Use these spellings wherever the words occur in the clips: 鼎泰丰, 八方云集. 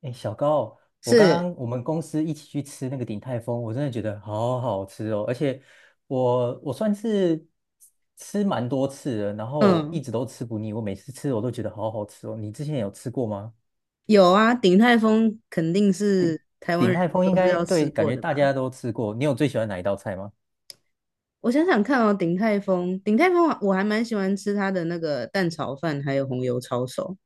哎，小高，我刚是，刚我们公司一起去吃那个鼎泰丰，我真的觉得好好吃哦，而且我算是吃蛮多次了，然后一嗯，直都吃不腻，我每次吃我都觉得好好吃哦。你之前有吃过吗？有啊，鼎泰丰肯定是台湾鼎人泰丰应都是该要对，吃感过觉的大吧？家都吃过。你有最喜欢哪一道菜吗？我想想看哦，鼎泰丰我还蛮喜欢吃它的那个蛋炒饭，还有红油抄手。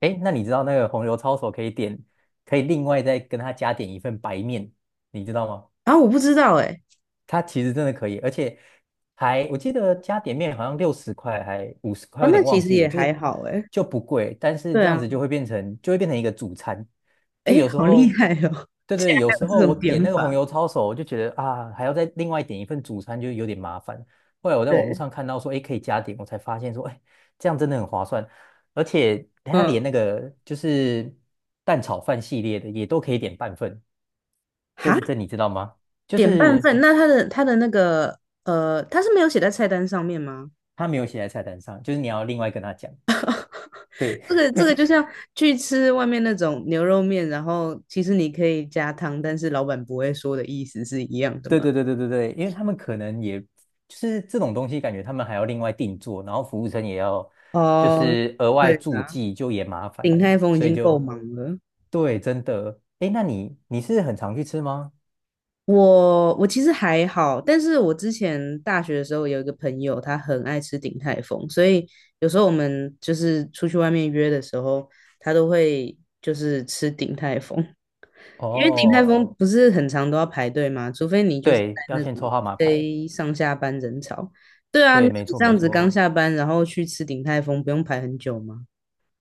哎，那你知道那个红油抄手可以点，可以另外再跟他加点一份白面，你知道吗？然后我不知道哎。它其实真的可以，而且还我记得加点面好像60块还50块，哦，有那点其忘实记了，也就还是好哎。就不贵，但是对这样啊。子就会变成一个主餐，哎，就有时好厉候害哦，对竟对，然有时还有候这我种点点那个红法。油抄手，我就觉得啊还要再另外点一份主餐，就有点麻烦。后来我在网络对，上看到说，哎，可以加点，我才发现说，哎，这样真的很划算，而且它连嗯，那个就是蛋炒饭系列的也都可以点半份，这哈，这你知道吗？就点半是。份，那他的那个他是没有写在菜单上面吗？他没有写在菜单上，就是你要另外跟他讲。对，这个就像去吃外面那种牛肉面，然后其实你可以加汤，但是老板不会说的意思是一样的对嘛？对对对对对，因为他们可能也就是这种东西，感觉他们还要另外定做，然后服务生也要就哦，是额外对注啊，记，就也麻鼎烦，泰丰已所以经够就忙了。对，真的。哎，那你你是很常去吃吗？我其实还好，但是我之前大学的时候有一个朋友，他很爱吃鼎泰丰，所以有时候我们就是出去外面约的时候，他都会就是吃鼎泰丰。因为鼎泰哦，丰不是很常都要排队吗？除非你就是在对，要那先种抽号码牌。非上下班人潮。对啊，对，你没错这没样子错。刚下班，然后去吃鼎泰丰，不用排很久吗？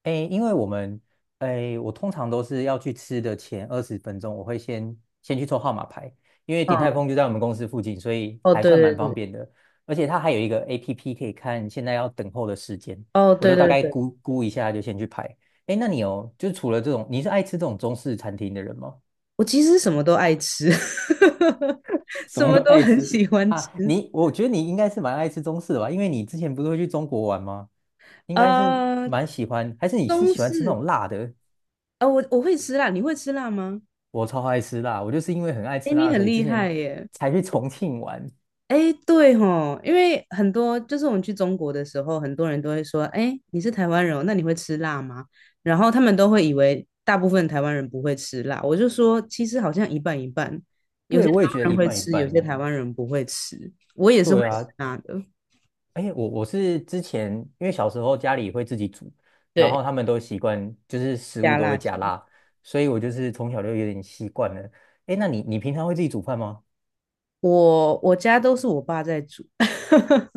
诶，因为我们，诶，我通常都是要去吃的前20分钟，我会先先去抽号码牌，因为鼎泰嗯，丰就在我们公司附近，所以哦，还对算对蛮方对。便的。而且它还有一个 APP 可以看现在要等候的时间，哦，我对就大对概对，估估一下就先去排。诶，那你有，就是除了这种，你是爱吃这种中式餐厅的人吗？我其实什么都爱吃，什什么么都都爱很吃喜欢吃。啊？你，我觉得你应该是蛮爱吃中式的吧，因为你之前不是会去中国玩吗？应该是呃，蛮喜欢，还是你是中喜欢吃那式，种辣的？我会吃辣，你会吃辣吗？我超爱吃辣，我就是因为很爱哎，吃你辣，所很以之厉前害耶。才去重庆玩。哎，对吼，因为很多就是我们去中国的时候，很多人都会说，哎，你是台湾人哦那你会吃辣吗？然后他们都会以为大部分台湾人不会吃辣，我就说其实好像一半一半，有些对，台我也觉得湾人一会半一吃，有些半。台湾人不会吃。我也是会对吃啊，辣的，哎，我是之前因为小时候家里会自己煮，然对，后他们都习惯就是食物加都辣会加椒。辣，所以我就是从小就有点习惯了。哎，那你你平常会自己煮饭吗？我家都是我爸在煮，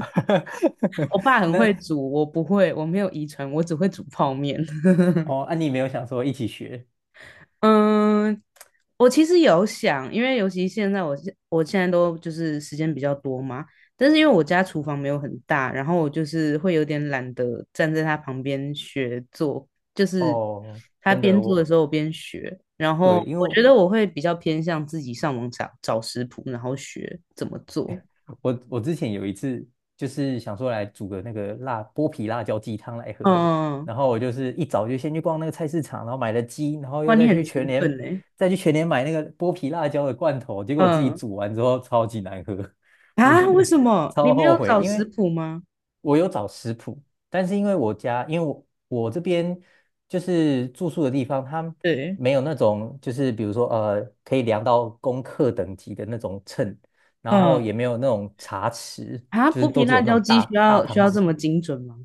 我爸很那会煮，我不会，我没有遗传，我只会煮泡面。哦，啊，你没有想说一起学嗯，我其实有想，因为尤其现在我现在都就是时间比较多嘛，但是因为我家厨房没有很大，然后我就是会有点懒得站在他旁边学做，就是哦？他真边的，做的我时候我边学，然后对，因我为。觉得我会比较偏向自己上网找找食谱，然后学怎么做。我我之前有一次就是想说来煮个那个辣剥皮辣椒鸡汤来喝，嗯，然后我就是一早就先去逛那个菜市场，然后买了鸡，然后哇，又你再很去全勤奋联呢。买那个剥皮辣椒的罐头，结果我自己嗯，煮完之后超级难喝，我觉啊，为得 什 么你超没后有悔，找因食为谱吗？我有找食谱，但是因为我家因为我我这边就是住宿的地方，它对，没有那种就是比如说可以量到公克等级的那种秤。然后嗯，也没有那种茶匙，啊，就是剥皮都只辣有那椒种鸡需大大要需汤要这匙，么精准吗？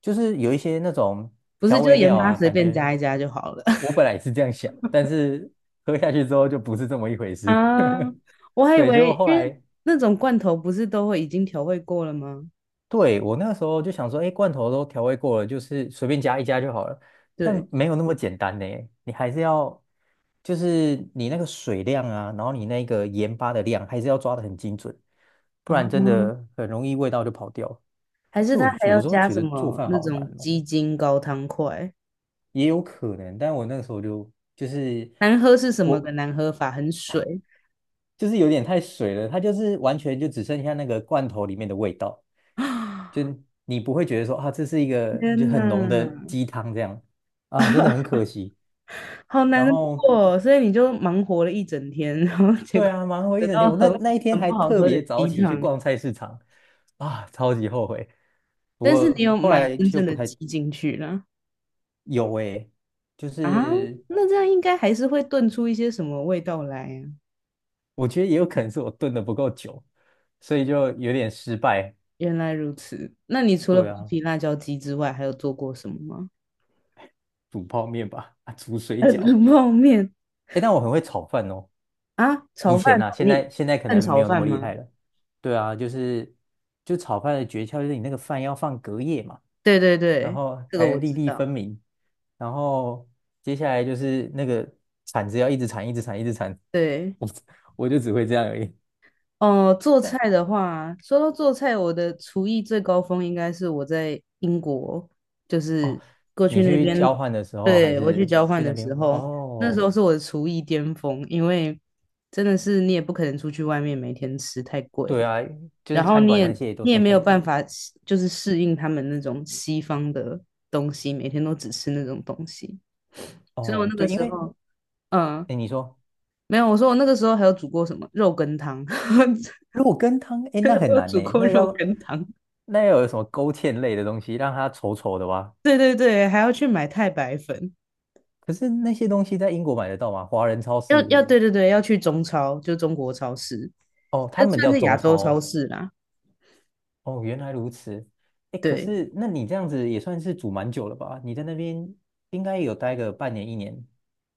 就是有一些那种不是，调就味盐料巴啊，随感便觉加一加就好了。 我 本来也是这样想，但是喝下去之后就不是这么一回事。啊？我还以对，就为，后因为来那种罐头不是都会已经调味过了吗？对我那个时候就想说，哎，罐头都调味过了，就是随便加一加就好了，对但没有那么简单呢，你还是要。就是你那个水量啊，然后你那个盐巴的量，还是要抓得很精准，不啊，然真的很容易味道就跑掉。还是所它以还我要有时候加觉什得做么饭那好难种哦，鸡精高汤块？也有可能，但我那个时候就就是难喝是什么个我难喝法？很水就是有点太水了，它就是完全就只剩下那个罐头里面的味道，就啊！你不会觉得说啊，这是一个 就天很浓的哪，鸡汤这样啊，真的很可惜。好难然后过哦。所以你就忙活了一整天，然后结对果啊，忙活一得整到天，我那很那一天很不还好特喝的别早鸡起去汤。逛菜市场啊，超级后悔。不但是你过有后买来真就正不的鸡太进去了。有诶、就啊，是那这样应该还是会炖出一些什么味道来呀、我觉得也有可能是我炖的不够久，所以就有点失败。原来如此。那你除了对剥啊，皮辣椒鸡之外，还有做过什么吗？煮泡面吧，啊，煮水呃饺。冷泡面哎，但我很会炒饭哦，啊，炒以饭，前啊，现你在现在可蛋能没炒有那饭么厉吗？害了。对啊，就是就炒饭的诀窍就是你那个饭要放隔夜嘛，对对然对，后这个才我粒知粒分道。明，然后接下来就是那个铲子要一直铲，一直铲，一直铲，对，我就只会这样而已。哦，做但菜的话，说到做菜，我的厨艺最高峰应该是我在英国，就哦，是过去你那嗯去交边，换的时候还对，我去是交换去那的时边候，那时哦？候是我的厨艺巅峰，因为真的是你也不可能出去外面每天吃，太贵对了，啊，就然是后餐你馆也那些也都你也太没有贵了办法适就是适应他们那种西方的东西，每天都只吃那种东西，所以我哦，那对，个因时为候，嗯，哎，你说没有，我说我那个时候还有煮过什么肉羹汤。肉羹汤，哎，那 我很有难呢，煮过那肉要羹汤。那要有什么勾芡类的东西，让它稠稠的哇。对对对，还要去买太白粉，可是那些东西在英国买得到吗？华人超要市要对对对，要去中超，就中国超市，哦，他这们叫算是亚中超洲超哦。市啦。哦，原来如此。哎，可对，是那你这样子也算是煮蛮久了吧？你在那边应该有待个半年一年，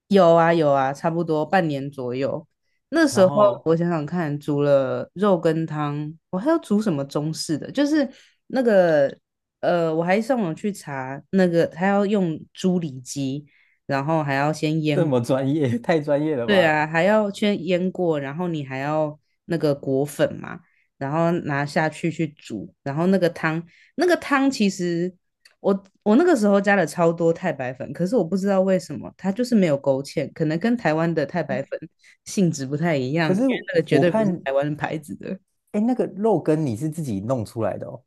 有啊有啊，差不多半年左右。那时然候后我想想看，煮了肉羹汤，我还要煮什么中式的？就是那个我还上网去查那个，他要用猪里脊，然后还要先这腌，么专业，太专业了对吧？啊，还要先腌过，然后你还要那个裹粉嘛，然后拿下去去煮，然后那个汤，那个汤其实我那个时候加了超多太白粉，可是我不知道为什么它就是没有勾芡，可能跟台湾的太白哎，粉性质不太一样，可因是为那个绝我对不是看，台湾牌子的。哎，那个肉羹你是自己弄出来的哦。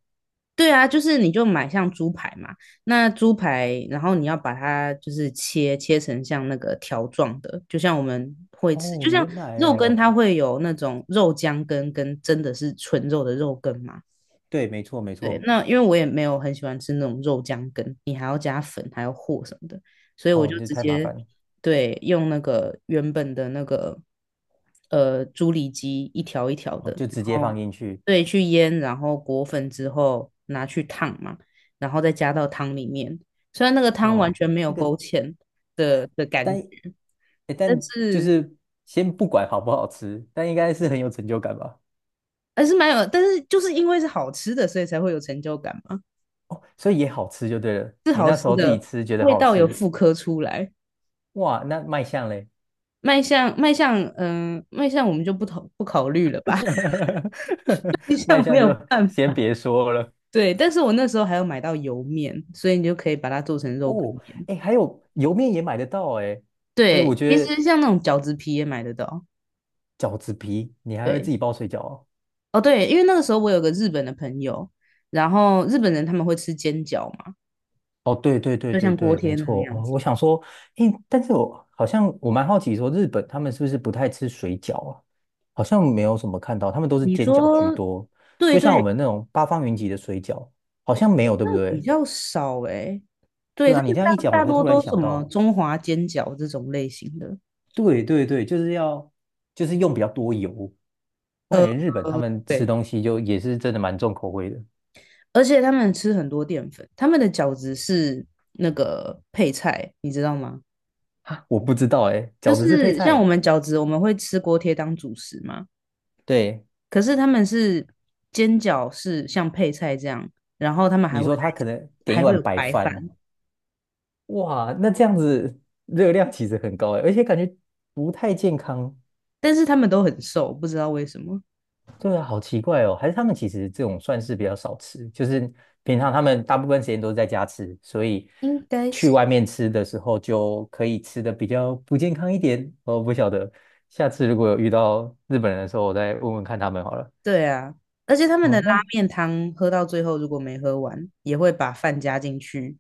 对啊，就是你就买像猪排嘛，那猪排，然后你要把它就是切成像那个条状的，就像我们会吃，哦，就像原来肉羹哦，它会有那种肉浆羹跟真的是纯肉的肉羹嘛，对，没错没对，错，那因为我也没有很喜欢吃那种肉酱羹，你还要加粉，还要和什么的，所以我哦，就这直太麻接烦了，对用那个原本的那个猪里脊一条一条哦，的，就直接然放后进去，对去腌，然后裹粉之后拿去烫嘛，然后再加到汤里面。虽然那个汤完哇，全没有那个勾芡的但，感觉，诶但但就是是先不管好不好吃，但应该是很有成就感吧？还是蛮有，但是就是因为是好吃的，所以才会有成就感嘛，哦，所以也好吃就对了，是你好那时吃候自己的，吃觉得味好道有吃，复刻出来。哇，那卖相嘞，卖相，卖相我们就不考虑了吧，卖 卖相没相有就办先法。别说了。对，但是我那时候还有买到油面，所以你就可以把它做成肉羹哦，面。哎，还有油面也买得到哎，哎，我对，其觉得实像那种饺子皮也买得到。饺子皮你还会对，自己包水饺哦哦对，因为那个时候我有个日本的朋友，然后日本人他们会吃煎饺嘛，哦，对对对就对像锅对，贴没那个错。样哦，我子。想说，诶，但是我蛮好奇说，日本他们是不是不太吃水饺啊？好像没有什么看到，他们都是你煎饺居说，多。对就像我对，们那种八方云集的水饺，好像没有，对不那比对？较少诶、欸对，对他啊，你们这样一讲，大我大才多突然都什想么到，中华煎饺这种类型的。对对对，就是要就是用比较多油。我感呃，觉日本他们吃对。东西就也是真的蛮重口味的。而且他们吃很多淀粉，他们的饺子是那个配菜，你知道吗？哈，我不知道诶，就饺子是配是像我菜，们饺子，我们会吃锅贴当主食嘛，对，可是他们是煎饺是像配菜这样，然后他们还你会说他可能再点一还会碗有白白饭，饭。哇，那这样子热量其实很高哎，而且感觉不太健康。但是他们都很瘦，不知道为什么，对啊，好奇怪哦，还是他们其实这种算是比较少吃，就是平常他们大部分时间都是在家吃，所以应该是去外面吃的时候就可以吃的比较不健康一点。我不晓得，下次如果有遇到日本人的时候，我再问问看他们好了。对啊。而且他们的哦，拉那面汤喝到最后，如果没喝完，也会把饭加进去，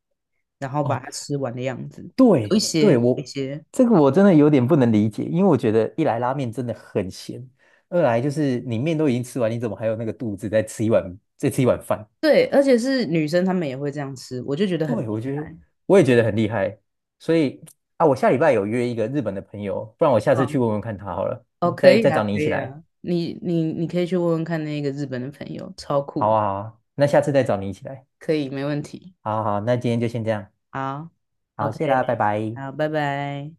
然后把哦，它吃完的样子。有对一些，对，有一我些，这个我真的有点不能理解，因为我觉得一来拉面真的很咸，二来就是你面都已经吃完，你怎么还有那个肚子再吃一碗再吃一碗饭？对，而且是女生她们也会这样吃，我就觉得很厉对，我觉得害。我也觉得很厉害，所以啊，我下礼拜有约一个日本的朋友，不然我下次嗯，去问问看他好了，哦，可再以再啊，找你一可起以来，啊，你可以去问问看那个日本的朋友，超酷好啊好啊，那下次再找你一起来，可以，没问题。好好好那今天就先这样，好好，，OK，谢啦，拜拜。好，拜拜。